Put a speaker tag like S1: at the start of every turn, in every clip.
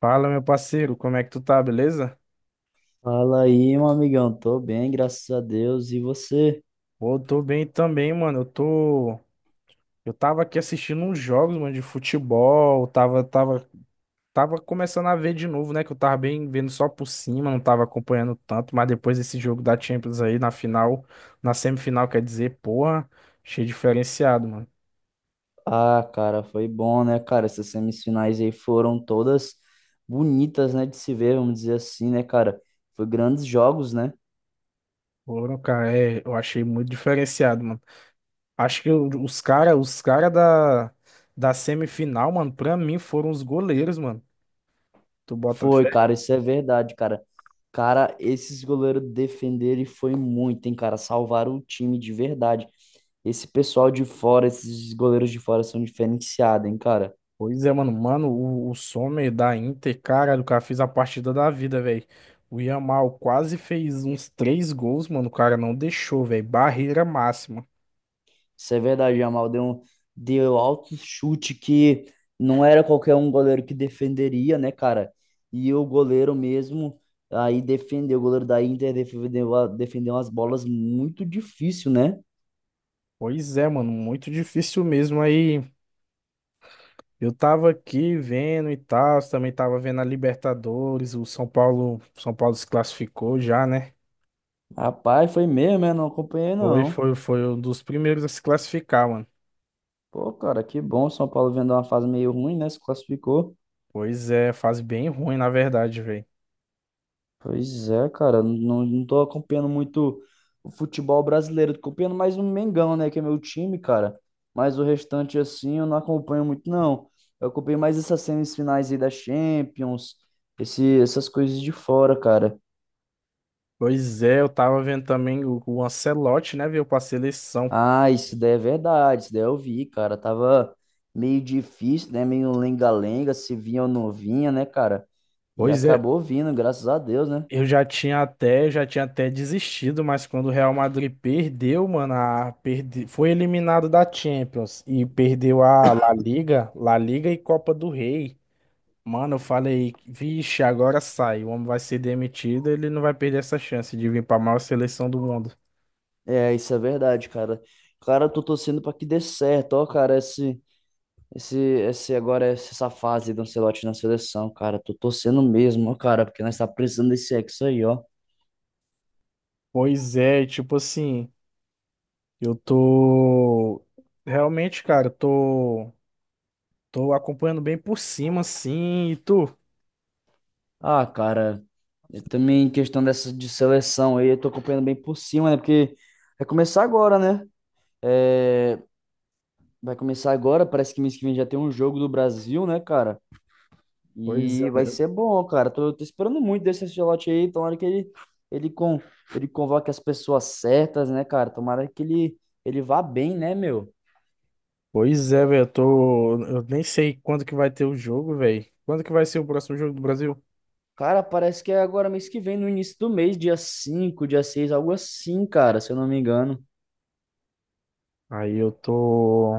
S1: Fala, meu parceiro, como é que tu tá, beleza?
S2: Fala aí, meu amigão. Tô bem, graças a Deus. E você?
S1: Pô, eu tô bem também, mano. Eu tô. Eu tava aqui assistindo uns jogos, mano, de futebol. Tava começando a ver de novo, né? Que eu tava bem vendo só por cima, não tava acompanhando tanto. Mas depois desse jogo da Champions aí, na final, na semifinal, quer dizer, porra, achei diferenciado, mano.
S2: Ah, cara, foi bom, né, cara? Essas semifinais aí foram todas bonitas, né, de se ver, vamos dizer assim, né, cara? Foi grandes jogos, né?
S1: Foram, cara, é, eu achei muito diferenciado, mano. Acho que os cara, da semifinal, mano, pra mim foram os goleiros, mano. Tu bota.
S2: Foi, cara, isso é verdade, cara. Cara, esses goleiros defenderam e foi muito, hein, cara? Salvaram o time de verdade. Esse pessoal de fora, esses goleiros de fora são diferenciados, hein, cara?
S1: Pois é, mano. Mano, o Sommer da Inter, cara, do cara fez a partida da vida, velho. O Yamal quase fez uns três gols, mano. O cara não deixou, velho. Barreira máxima.
S2: Isso é verdade, Jamal. Deu, deu alto chute que não era qualquer um goleiro que defenderia, né, cara? E o goleiro mesmo aí defendeu. O goleiro da Inter defendeu, defendeu umas bolas muito difícil, né?
S1: Pois é, mano. Muito difícil mesmo aí. Eu tava aqui vendo e tal. Também tava vendo a Libertadores. São Paulo se classificou já, né?
S2: Rapaz, foi mesmo, né? Não acompanhei, não.
S1: Foi um dos primeiros a se classificar, mano.
S2: Pô, cara, que bom. São Paulo vendo uma fase meio ruim, né? Se classificou.
S1: Pois é, fase bem ruim, na verdade, velho.
S2: Pois é, cara, não tô acompanhando muito o futebol brasileiro, tô acompanhando mais o Mengão, né, que é meu time, cara, mas o restante, assim, eu não acompanho muito, não. Eu acompanho mais essas semifinais aí da Champions, essas coisas de fora, cara.
S1: Pois é, eu tava vendo também o Ancelotti, né, veio pra seleção.
S2: Ah, isso daí é verdade, isso daí eu vi, cara, tava meio difícil, né, meio lenga-lenga, se vinha ou não vinha, né, cara, e
S1: Pois é,
S2: acabou vindo, graças a Deus, né.
S1: eu já tinha até desistido, mas quando o Real Madrid perdeu, mano, foi eliminado da Champions e perdeu a La Liga e Copa do Rei. Mano, eu falei, vixe, agora sai, o homem vai ser demitido, ele não vai perder essa chance de vir pra maior seleção do mundo.
S2: É, isso é verdade, cara. Cara, eu tô torcendo pra que dê certo, ó, cara, esse... Esse, esse agora, essa fase do Ancelotti na seleção, cara, tô torcendo mesmo, ó, cara, porque nós tá precisando desse ex aí, ó.
S1: Pois é, tipo assim, eu tô realmente, cara, eu tô tô acompanhando bem por cima assim, e tu?
S2: Ah, cara, eu também em questão dessa de seleção aí, eu tô acompanhando bem por cima, né? Porque vai começar agora, né? É, vai começar agora, parece que mês que vem já tem um jogo do Brasil, né, cara?
S1: Pois
S2: E vai
S1: é.
S2: ser bom, cara. Tô esperando muito desse Ancelotti aí, tomara que ele, ele, con, ele convoque as pessoas certas, né, cara? Tomara que ele vá bem, né, meu?
S1: Pois é, velho, eu tô. Eu nem sei quando que vai ter o jogo, velho. Quando que vai ser o próximo jogo do Brasil?
S2: Cara, parece que é agora mês que vem, no início do mês, dia 5, dia 6, algo assim, cara, se eu não me engano.
S1: Aí eu tô.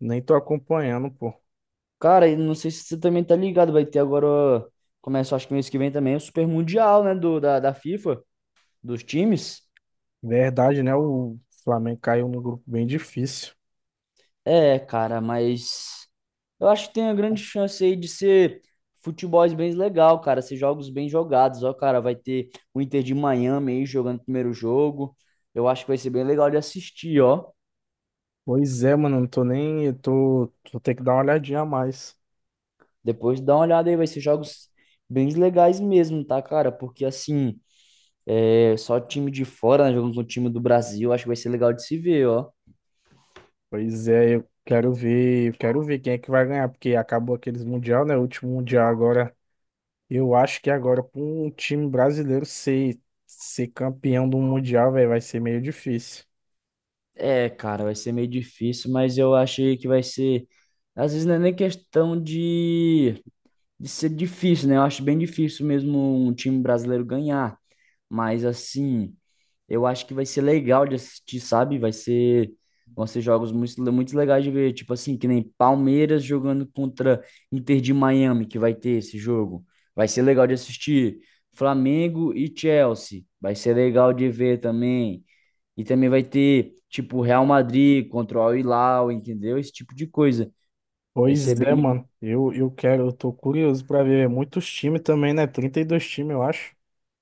S1: Nem tô acompanhando, pô.
S2: Cara, e não sei se você também tá ligado, vai ter agora, ó, começa acho que mês que vem também, o Super Mundial, né, da FIFA, dos times.
S1: Verdade, né? O Flamengo caiu num grupo bem difícil.
S2: É, cara, mas eu acho que tem a grande chance aí de ser futebol bem legal, cara, ser jogos bem jogados. Ó, cara, vai ter o Inter de Miami aí jogando o primeiro jogo. Eu acho que vai ser bem legal de assistir, ó.
S1: Pois é, mano, eu não tô nem. Eu tô. Vou ter que dar uma olhadinha a mais.
S2: Depois dá uma olhada aí, vai ser jogos bem legais mesmo, tá, cara? Porque assim, é só time de fora, né? Jogando com o time do Brasil, acho que vai ser legal de se ver, ó.
S1: Pois é, eu quero ver. Eu Quero ver quem é que vai ganhar, porque acabou aqueles Mundial, né? O último Mundial agora. Eu acho que agora, pra um time brasileiro ser, ser campeão do Mundial, velho, vai ser meio difícil.
S2: É, cara, vai ser meio difícil, mas eu achei que vai ser. Às vezes não é nem questão de ser difícil, né? Eu acho bem difícil mesmo um time brasileiro ganhar. Mas assim, eu acho que vai ser legal de assistir, sabe? Vai ser, vão ser jogos muito, muito legais de ver, tipo assim, que nem Palmeiras jogando contra Inter de Miami, que vai ter esse jogo. Vai ser legal de assistir. Flamengo e Chelsea, vai ser legal de ver também. E também vai ter, tipo, Real Madrid contra o Al Hilal, entendeu? Esse tipo de coisa. Vai ser
S1: Pois é,
S2: bem
S1: mano. Eu quero, eu tô curioso pra ver muitos times também, né? 32 times, eu acho.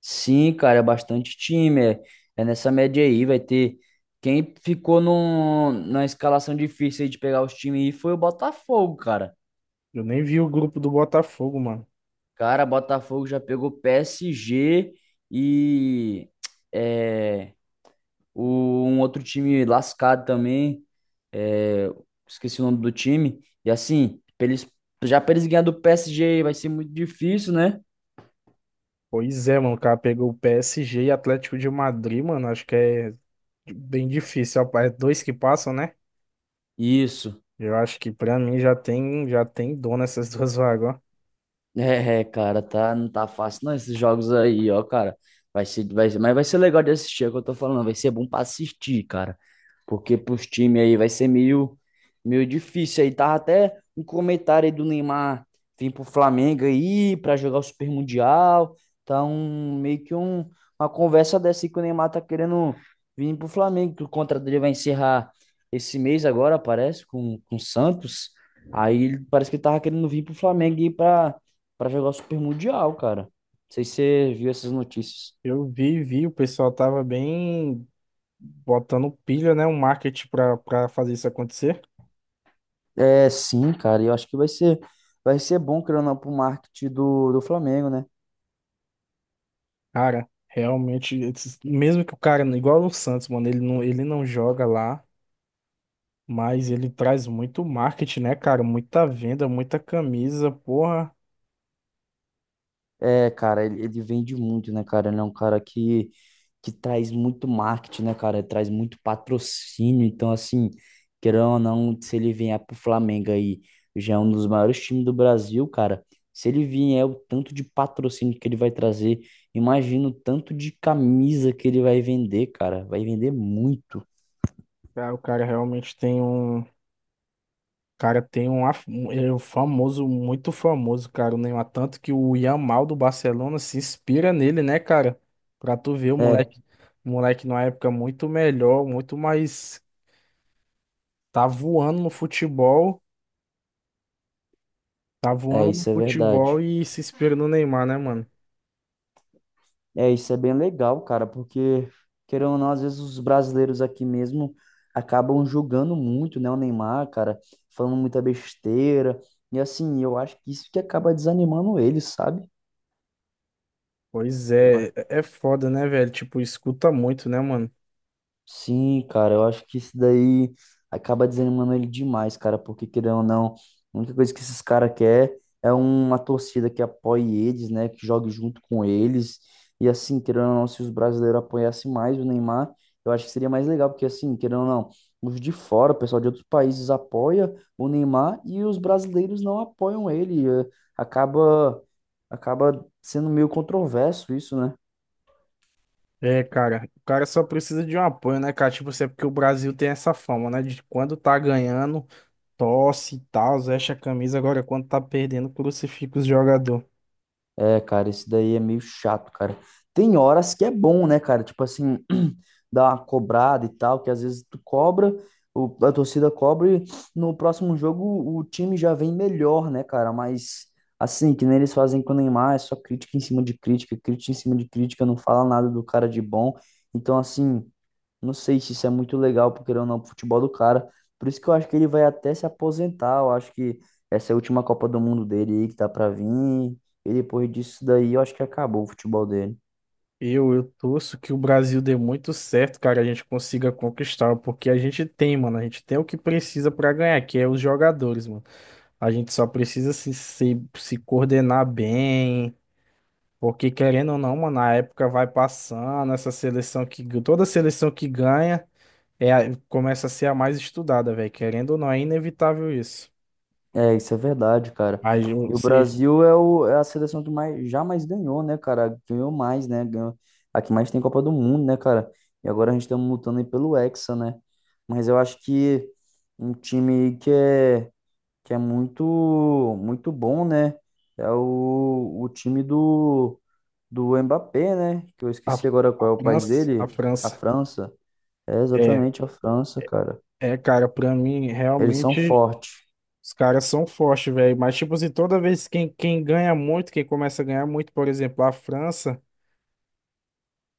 S2: Sim, cara, é bastante time. É, é nessa média aí. Vai ter. Quem ficou no, na escalação difícil aí de pegar os times aí foi o Botafogo, cara.
S1: Eu nem vi o grupo do Botafogo, mano.
S2: Cara, Botafogo já pegou PSG e é, o, um outro time lascado também. É, esqueci o nome do time. E assim, pra eles, já para eles ganhar do PSG vai ser muito difícil, né?
S1: Pois é, mano. O cara pegou o PSG e Atlético de Madrid, mano. Acho que é bem difícil. Ó, é dois que passam, né?
S2: Isso.
S1: Eu acho que pra mim já tem dono essas duas vagas, ó.
S2: É, é, cara, tá, não tá fácil não esses jogos aí, ó, cara. Vai ser, mas vai ser legal de assistir, é o que eu tô falando, vai ser bom pra assistir, cara. Porque pros times aí vai ser meio, meio difícil aí. Tava até um comentário aí do Neymar vir pro Flamengo aí pra jogar o Super Mundial. Tá um, meio que um, uma conversa dessa aí que o Neymar tá querendo vir pro Flamengo, que o contrato dele vai encerrar esse mês agora, parece, com o Santos. Aí ele parece que ele tava querendo vir pro Flamengo e ir pra jogar o Super Mundial, cara. Não sei se você viu essas notícias.
S1: Vi, o pessoal tava bem botando pilha, né? Um marketing pra fazer isso acontecer.
S2: É, sim, cara, eu acho que vai ser bom, querendo ou não, pro marketing do Flamengo, né?
S1: Cara, realmente, mesmo que o cara, igual o Santos, mano, ele não joga lá, mas ele traz muito marketing, né, cara? Muita venda, muita camisa, porra.
S2: É, cara, ele vende muito, né, cara? Ele é um cara que traz muito marketing, né, cara? Traz muito patrocínio. Então, assim, querendo ou não, se ele vier pro Flamengo aí, já é um dos maiores times do Brasil, cara. Se ele vier, é o tanto de patrocínio que ele vai trazer, imagina o tanto de camisa que ele vai vender, cara. Vai vender muito.
S1: Cara, o cara realmente tem um. O Cara, tem ele é um famoso, muito famoso, cara, o Neymar. Tanto que o Yamal do Barcelona se inspira nele, né, cara? Pra tu ver,
S2: É,
S1: o moleque numa época muito melhor, muito mais. Tá voando no futebol, tá
S2: é,
S1: voando no
S2: isso é
S1: futebol
S2: verdade.
S1: e se inspira no Neymar, né, mano?
S2: É, isso é bem legal, cara, porque, querendo ou não, às vezes os brasileiros aqui mesmo acabam julgando muito, né, o Neymar, cara, falando muita besteira, e assim, eu acho que isso que acaba desanimando ele, sabe?
S1: Pois é, é foda, né, velho? Tipo, escuta muito, né, mano?
S2: Sim, cara, eu acho que isso daí acaba desanimando ele demais, cara, porque querendo ou não, a única coisa que esses caras quer é uma torcida que apoie eles, né, que jogue junto com eles. E assim, querendo ou não, se os brasileiros apoiassem mais o Neymar, eu acho que seria mais legal, porque assim, querendo ou não, os de fora, o pessoal de outros países apoia o Neymar e os brasileiros não apoiam ele. Acaba sendo meio controverso isso, né?
S1: É, cara, o cara só precisa de um apoio, né, cara? Tipo, assim, é porque o Brasil tem essa fama, né? De quando tá ganhando, tosse e tal, veste a camisa, agora quando tá perdendo, crucifica os jogador.
S2: É, cara, esse daí é meio chato, cara. Tem horas que é bom, né, cara? Tipo assim, dar uma cobrada e tal, que às vezes tu cobra, a torcida cobra e no próximo jogo o time já vem melhor, né, cara? Mas assim, que nem eles fazem com o Neymar, é só crítica em cima de crítica, crítica em cima de crítica, não fala nada do cara de bom. Então, assim, não sei se isso é muito legal, porque ou não, pro futebol do cara. Por isso que eu acho que ele vai até se aposentar. Eu acho que essa é a última Copa do Mundo dele aí que tá pra vir. E depois disso daí, eu acho que acabou o futebol dele.
S1: Eu torço que o Brasil dê muito certo, cara, a gente consiga conquistar, porque a gente tem, mano, a gente tem o que precisa pra ganhar, que é os jogadores, mano. A gente só precisa se coordenar bem. Porque querendo ou não, mano, a época vai passando, essa seleção que toda seleção que ganha começa a ser a mais estudada, velho. Querendo ou não, é inevitável isso.
S2: É, isso é verdade, cara.
S1: Aí
S2: E o
S1: você
S2: Brasil é, é a seleção que mais, já mais ganhou, né, cara? Ganhou mais, né? Ganhou, a que mais tem Copa do Mundo, né, cara? E agora a gente tá lutando aí pelo Hexa, né? Mas eu acho que um time que é muito, muito bom, né? É o time do, do Mbappé, né? Que eu
S1: a,
S2: esqueci agora
S1: a
S2: qual é o país
S1: A
S2: dele. A
S1: França
S2: França. É
S1: é,
S2: exatamente a França, cara.
S1: é, cara, pra mim
S2: Eles são
S1: realmente
S2: fortes.
S1: os caras são fortes, velho. Mas tipo assim, toda vez quem ganha muito, quem começa a ganhar muito, por exemplo, a França,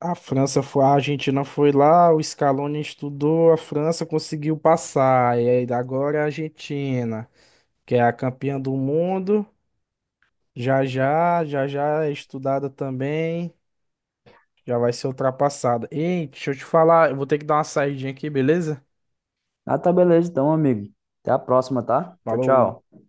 S1: a Argentina foi lá, o Scaloni estudou, a França conseguiu passar, e aí agora é a Argentina. Que é a campeã do mundo. Já já é estudada também. Já vai ser ultrapassada. Ei, deixa eu te falar, eu vou ter que dar uma saidinha aqui, beleza?
S2: Ah, tá beleza então, amigo. Até a próxima, tá? Tchau,
S1: Falou.
S2: tchau.